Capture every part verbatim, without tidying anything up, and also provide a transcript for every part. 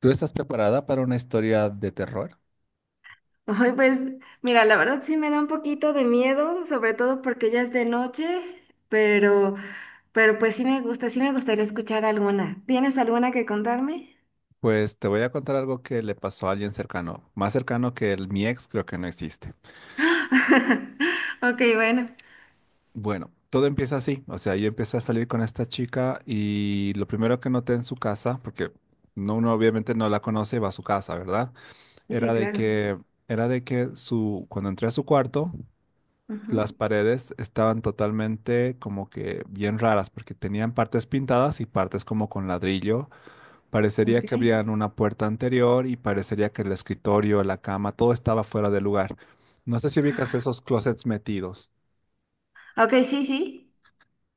¿Tú estás preparada para una historia de terror? Ay, pues mira, la verdad sí me da un poquito de miedo, sobre todo porque ya es de noche, pero, pero pues sí me gusta, sí me gustaría escuchar alguna. ¿Tienes alguna que contarme? Pues te voy a contar algo que le pasó a alguien cercano, más cercano que el, mi ex creo que no existe. Ok, bueno. Bueno, todo empieza así, o sea, yo empecé a salir con esta chica y lo primero que noté en su casa, porque no, uno obviamente no la conoce, va a su casa, ¿verdad? Sí, Era de claro. que, era de que su, cuando entré a su cuarto, Ujú. las paredes estaban totalmente como que bien raras, porque tenían partes pintadas y partes como con ladrillo. Parecería Ok. que había una puerta anterior y parecería que el escritorio, la cama, todo estaba fuera de lugar. No sé si ubicas esos closets metidos, Ok, sí, sí.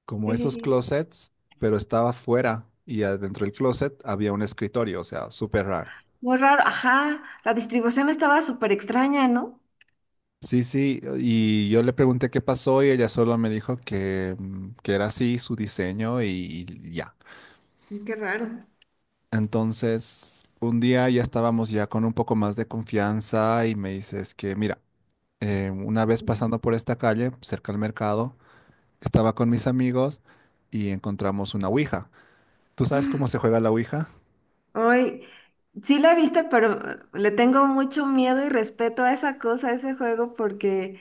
como Sí, sí, esos sí. closets, pero estaba fuera y adentro del closet había un escritorio, o sea, súper raro. Muy raro. Ajá, la distribución estaba súper extraña, ¿no? Sí, sí, y yo le pregunté qué pasó y ella solo me dijo que, mm, que era así su diseño y, y ya. Qué raro. Entonces, un día ya estábamos ya con un poco más de confianza y me dices que, mira, eh, una vez pasando por esta calle, cerca al mercado, estaba con mis amigos y encontramos una ouija. ¿Tú sabes cómo se juega la ouija? Hoy sí la viste, pero eh, le tengo mucho miedo y respeto a esa cosa, a ese juego, porque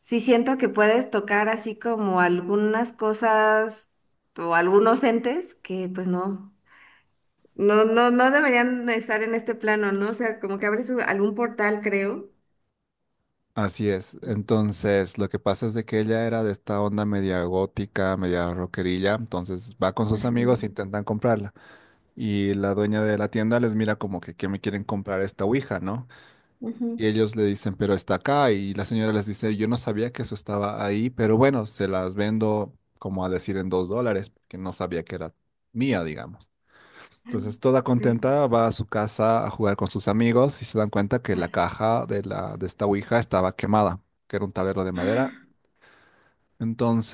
sí siento que puedes tocar así como algunas cosas o algunos entes que pues no, no, no, no deberían estar en este plano, ¿no? O sea, como que abres u- algún portal, creo. Así es. Sí. Entonces, lo que pasa es de que ella era de esta onda media gótica, media rockerilla, entonces va con sus Ajá. amigos e intentan comprarla. Y la dueña de la tienda les mira como que, ¿qué me quieren comprar esta ouija, no? Ujú. Y ellos le dicen, pero está acá. Y la señora les dice, yo no sabía que eso estaba ahí, pero bueno, se las vendo como a decir en dos dólares, porque no sabía que era mía, digamos. Entonces, toda contenta, va a su casa a jugar con sus amigos y se dan cuenta que la caja de, la, de esta ouija estaba quemada, que era un tablero de madera. Ah,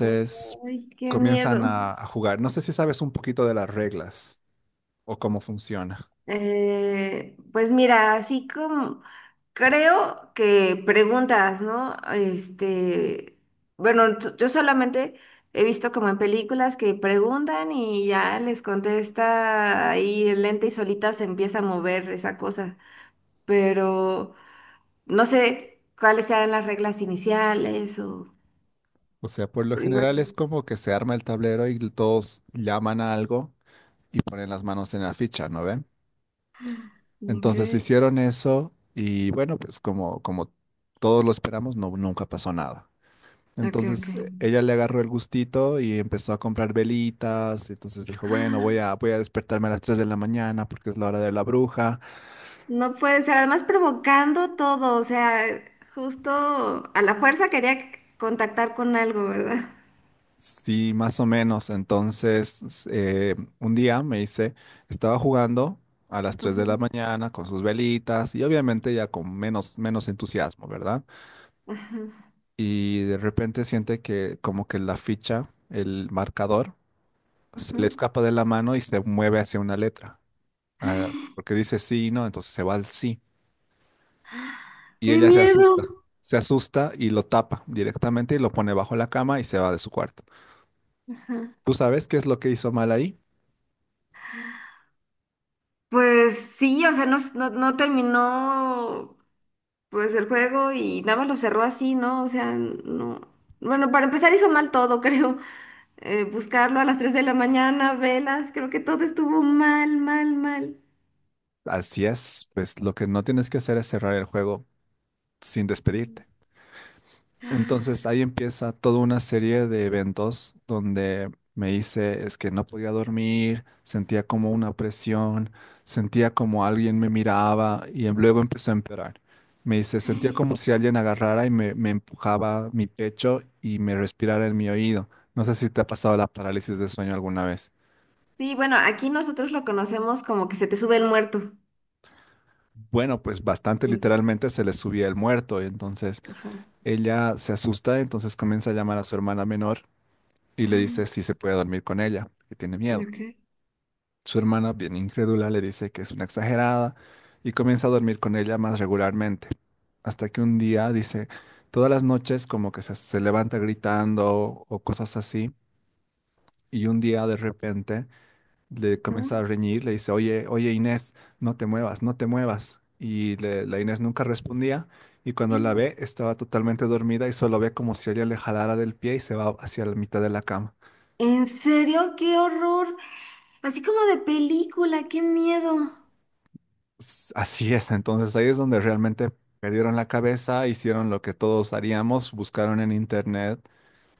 ok. Ay, qué comienzan miedo. a, a jugar. No sé si sabes un poquito de las reglas o cómo funciona. Eh, pues mira, así como creo que preguntas, ¿no? Este, bueno, t- yo solamente he visto como en películas que preguntan y ya les contesta ahí lenta y solita se empieza a mover esa cosa, pero no sé cuáles sean las reglas iniciales o O sea, por lo general es igual. como que se arma el tablero y todos llaman a algo y ponen las manos en la ficha, ¿no ven? Ok, Entonces hicieron eso y bueno, pues como, como todos lo esperamos, no, nunca pasó nada. ok, ok. Entonces eh, ella le agarró el gustito y empezó a comprar velitas, entonces dijo, bueno, voy a, voy a despertarme a las tres de la mañana porque es la hora de la bruja. No puede ser, además provocando todo, o sea, justo a la fuerza quería c- contactar con algo, ¿verdad? Sí, más o menos. Entonces s- eh, un día me dice, estaba jugando a las tres de la Ujú, mañana con sus velitas y obviamente ya con menos, menos entusiasmo, ¿verdad? ajá, Y de repente siente que como que la ficha, el marcador, se ajá. le escapa de la mano y se mueve hacia una letra. Ah, porque dice sí y no, entonces se va al sí. Y ¡Qué ella se miedo! asusta. Se asusta y lo tapa directamente y lo pone bajo la cama y se va de su cuarto. Ajá. ¿Tú sabes qué es lo que hizo mal ahí? Pues sí, o sea, no, s- no, no terminó pues el juego y nada más lo cerró así, ¿no? O sea, no. Bueno, para empezar hizo mal todo, creo. Eh, buscarlo a las tres de la mañana, velas, creo que todo estuvo mal, mal, mal. Así es, pues lo que no tienes que hacer es cerrar el juego sin despedirte. Entonces ahí empieza toda una serie de eventos donde me hice, es que no podía dormir, sentía como una presión, sentía como alguien me miraba y em- luego empezó a empeorar. Me hice, sentía como si alguien agarrara y me, me empujaba mi pecho y me respirara en mi oído. No sé si te ha pasado la parálisis de sueño alguna vez. Sí, bueno, aquí nosotros lo conocemos como que se te sube el muerto. Bueno, pues bastante literalmente se le subía el muerto, entonces Ajá. ella se asusta, entonces comienza a llamar a su hermana menor y le dice si se puede dormir con ella, que tiene miedo. Ok. Su hermana, bien incrédula, le dice que es una exagerada y comienza a dormir con ella más regularmente. Hasta que un día dice, todas las noches como que se, se levanta gritando o cosas así, y un día de repente le Ajá. comienza a reñir, le dice, oye, oye Inés, no te muevas, no te muevas. Y le- la Inés nunca respondía y cuando la ve estaba totalmente dormida y solo ve como si ella le jalara del pie y se va hacia la mitad de la cama. ¿En serio? ¡Qué horror! Así como de película, qué miedo. S- Así es, entonces ahí es donde realmente perdieron la cabeza, hicieron lo que todos haríamos, buscaron en internet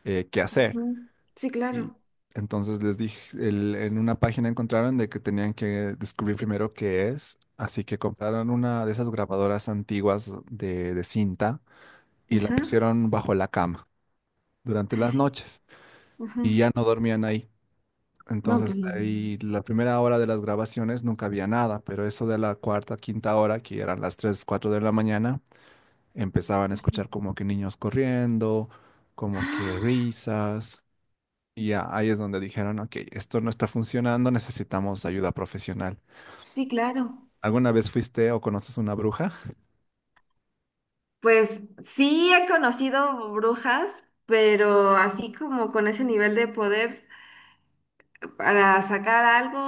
eh, qué hacer. Ujú. Sí, Y claro. entonces les dije, el- en una página encontraron de que tenían que descubrir primero qué es, así que compraron una de esas grabadoras antiguas de, de cinta y la Ajá. pusieron bajo la cama durante las noches y Ajá. ya no dormían ahí. No, pues Entonces, no. ahí la primera hora de las grabaciones nunca había nada, pero eso de la cuarta, quinta hora, que eran las tres cuatro de la mañana, empezaban a escuchar como que niños corriendo, como que risas, y ya ahí es donde dijeron, ok, esto no está funcionando, necesitamos ayuda profesional. Sí, claro. ¿Alguna vez fuiste o conoces una bruja? Pues sí he conocido brujas, pero así como con ese nivel de poder, para sacar algo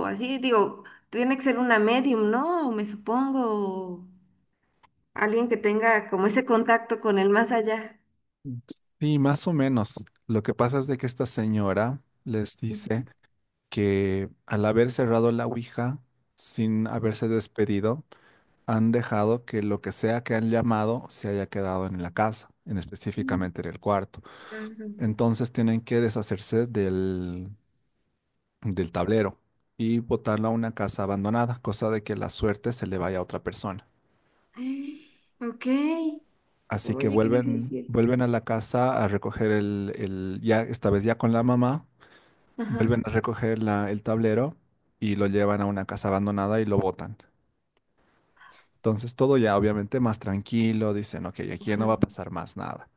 o así, digo, tiene que ser una medium, ¿no? Me supongo, o alguien que tenga como ese contacto con el más allá. Sí, más o menos. Lo que pasa es de que esta señora les dice que al haber cerrado la Ouija, sin haberse despedido, han dejado que lo que sea que han llamado se haya quedado en la casa, en Mm, específicamente en el cuarto. claro. Entonces tienen que deshacerse del, del tablero y botarlo a una casa abandonada, cosa de que la suerte se le vaya a otra persona. Ok, Así que oye, qué vuelven, difícil. vuelven a la casa a recoger el, el- ya esta vez ya con la mamá, Ajá, vuelven a recoger la- el tablero y lo llevan a una casa abandonada y lo botan. Entonces todo ya obviamente más tranquilo, dicen, ok, aquí ya ajá, no va a pasar más nada.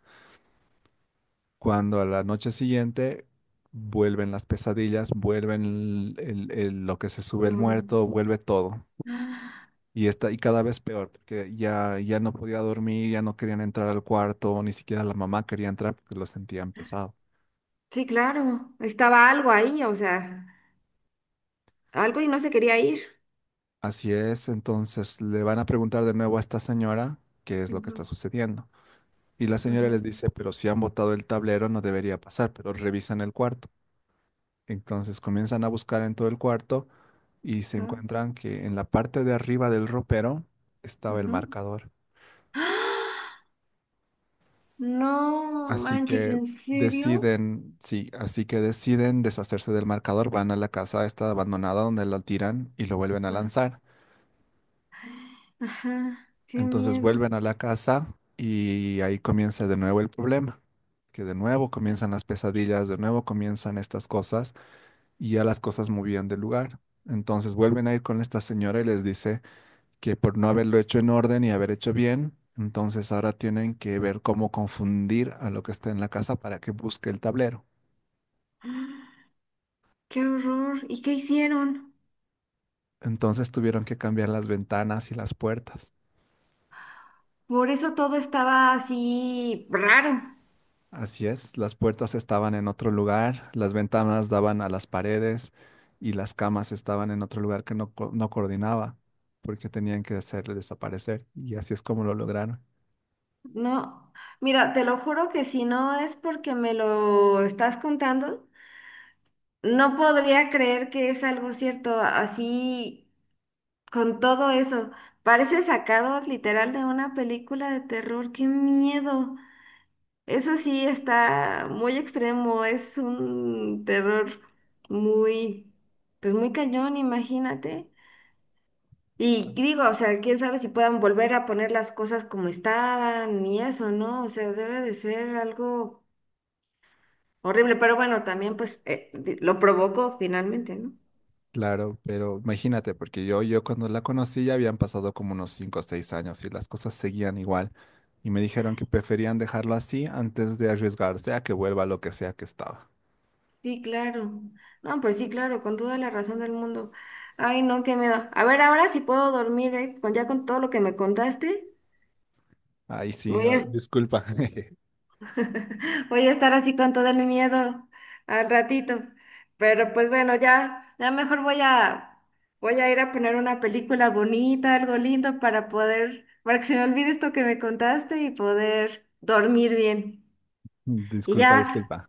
Cuando a la noche siguiente vuelven las pesadillas, vuelven el- el- el- lo que se sube el todo. muerto, vuelve todo. Ah. Y está, y cada vez peor, porque ya, ya no podía dormir, ya no querían entrar al cuarto, ni siquiera la mamá quería entrar porque lo sentían pesado. Sí, claro, estaba algo ahí, o sea, algo y no se quería ir. Así es, entonces le van a preguntar de nuevo a esta señora qué es lo que está Ujú, sucediendo. Y la señora ajá, les dice, pero si han botado el tablero no debería pasar, pero revisan el cuarto. Entonces comienzan a buscar en todo el cuarto y se ajá, encuentran que en la parte de arriba del ropero estaba el ujú. marcador. ¡Ah! No Así manches, que ¿en serio? deciden, sí, así que deciden deshacerse del marcador, van a la casa esta abandonada donde lo tiran y lo vuelven a Ajá, lanzar. ajá, qué Entonces miedo. vuelven a la casa y ahí comienza de nuevo el problema, que de nuevo comienzan las pesadillas, de nuevo comienzan estas cosas y ya las cosas movían de lugar. Entonces vuelven a ir con esta señora y les dice que por no haberlo hecho en orden y haber hecho bien, entonces ahora tienen que ver cómo confundir a lo que está en la casa para que busque el tablero. Qué horror. ¿Y qué hicieron? Entonces tuvieron que cambiar las ventanas y las puertas. Por eso todo estaba así raro, Así es, las puertas estaban en otro lugar, las ventanas daban a las paredes y las camas estaban en otro lugar que no, co- no coordinaba porque tenían que hacerle desaparecer y así es como lo lograron. ¿no? Mira, te lo juro que si no es porque me lo estás contando, no podría creer que es algo cierto así con todo eso. Parece sacado literal de una película de terror. ¡Qué miedo! Eso sí está muy extremo, es un terror muy, pues muy cañón, imagínate. Y digo, o sea, quién sabe si puedan volver a poner las cosas como estaban y eso, ¿no? O sea, debe de ser algo horrible, pero bueno, también pues eh, di- lo provocó finalmente, ¿no? Claro, pero imagínate, porque yo, yo cuando la conocí ya habían pasado como unos cinco o seis años y las cosas seguían igual y me dijeron que preferían dejarlo así antes de arriesgarse a que vuelva lo que sea que estaba. Sí, claro. No, pues sí, claro, con toda la razón del mundo. Ay, no, qué miedo. A ver, ahora sí puedo dormir, ¿eh? Con, ya con todo lo que me contaste, Ahí sí, voy oh, a disculpa. voy a estar así con todo el miedo al ratito. Pero pues bueno, ya, ya mejor voy a, voy a ir a poner una película bonita, algo lindo para poder, para que se me olvide esto que me contaste y poder dormir bien. Y Disculpa, ya, disculpa.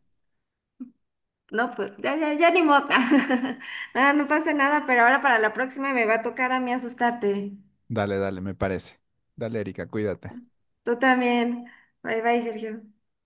no, pues ya, ya, ya ni modo. Nada, no pasa nada, pero ahora para la próxima me va a tocar a mí asustarte. Dale, dale, me parece. Dale, Erika, cuídate. Tú también. Bye bye, Sergio.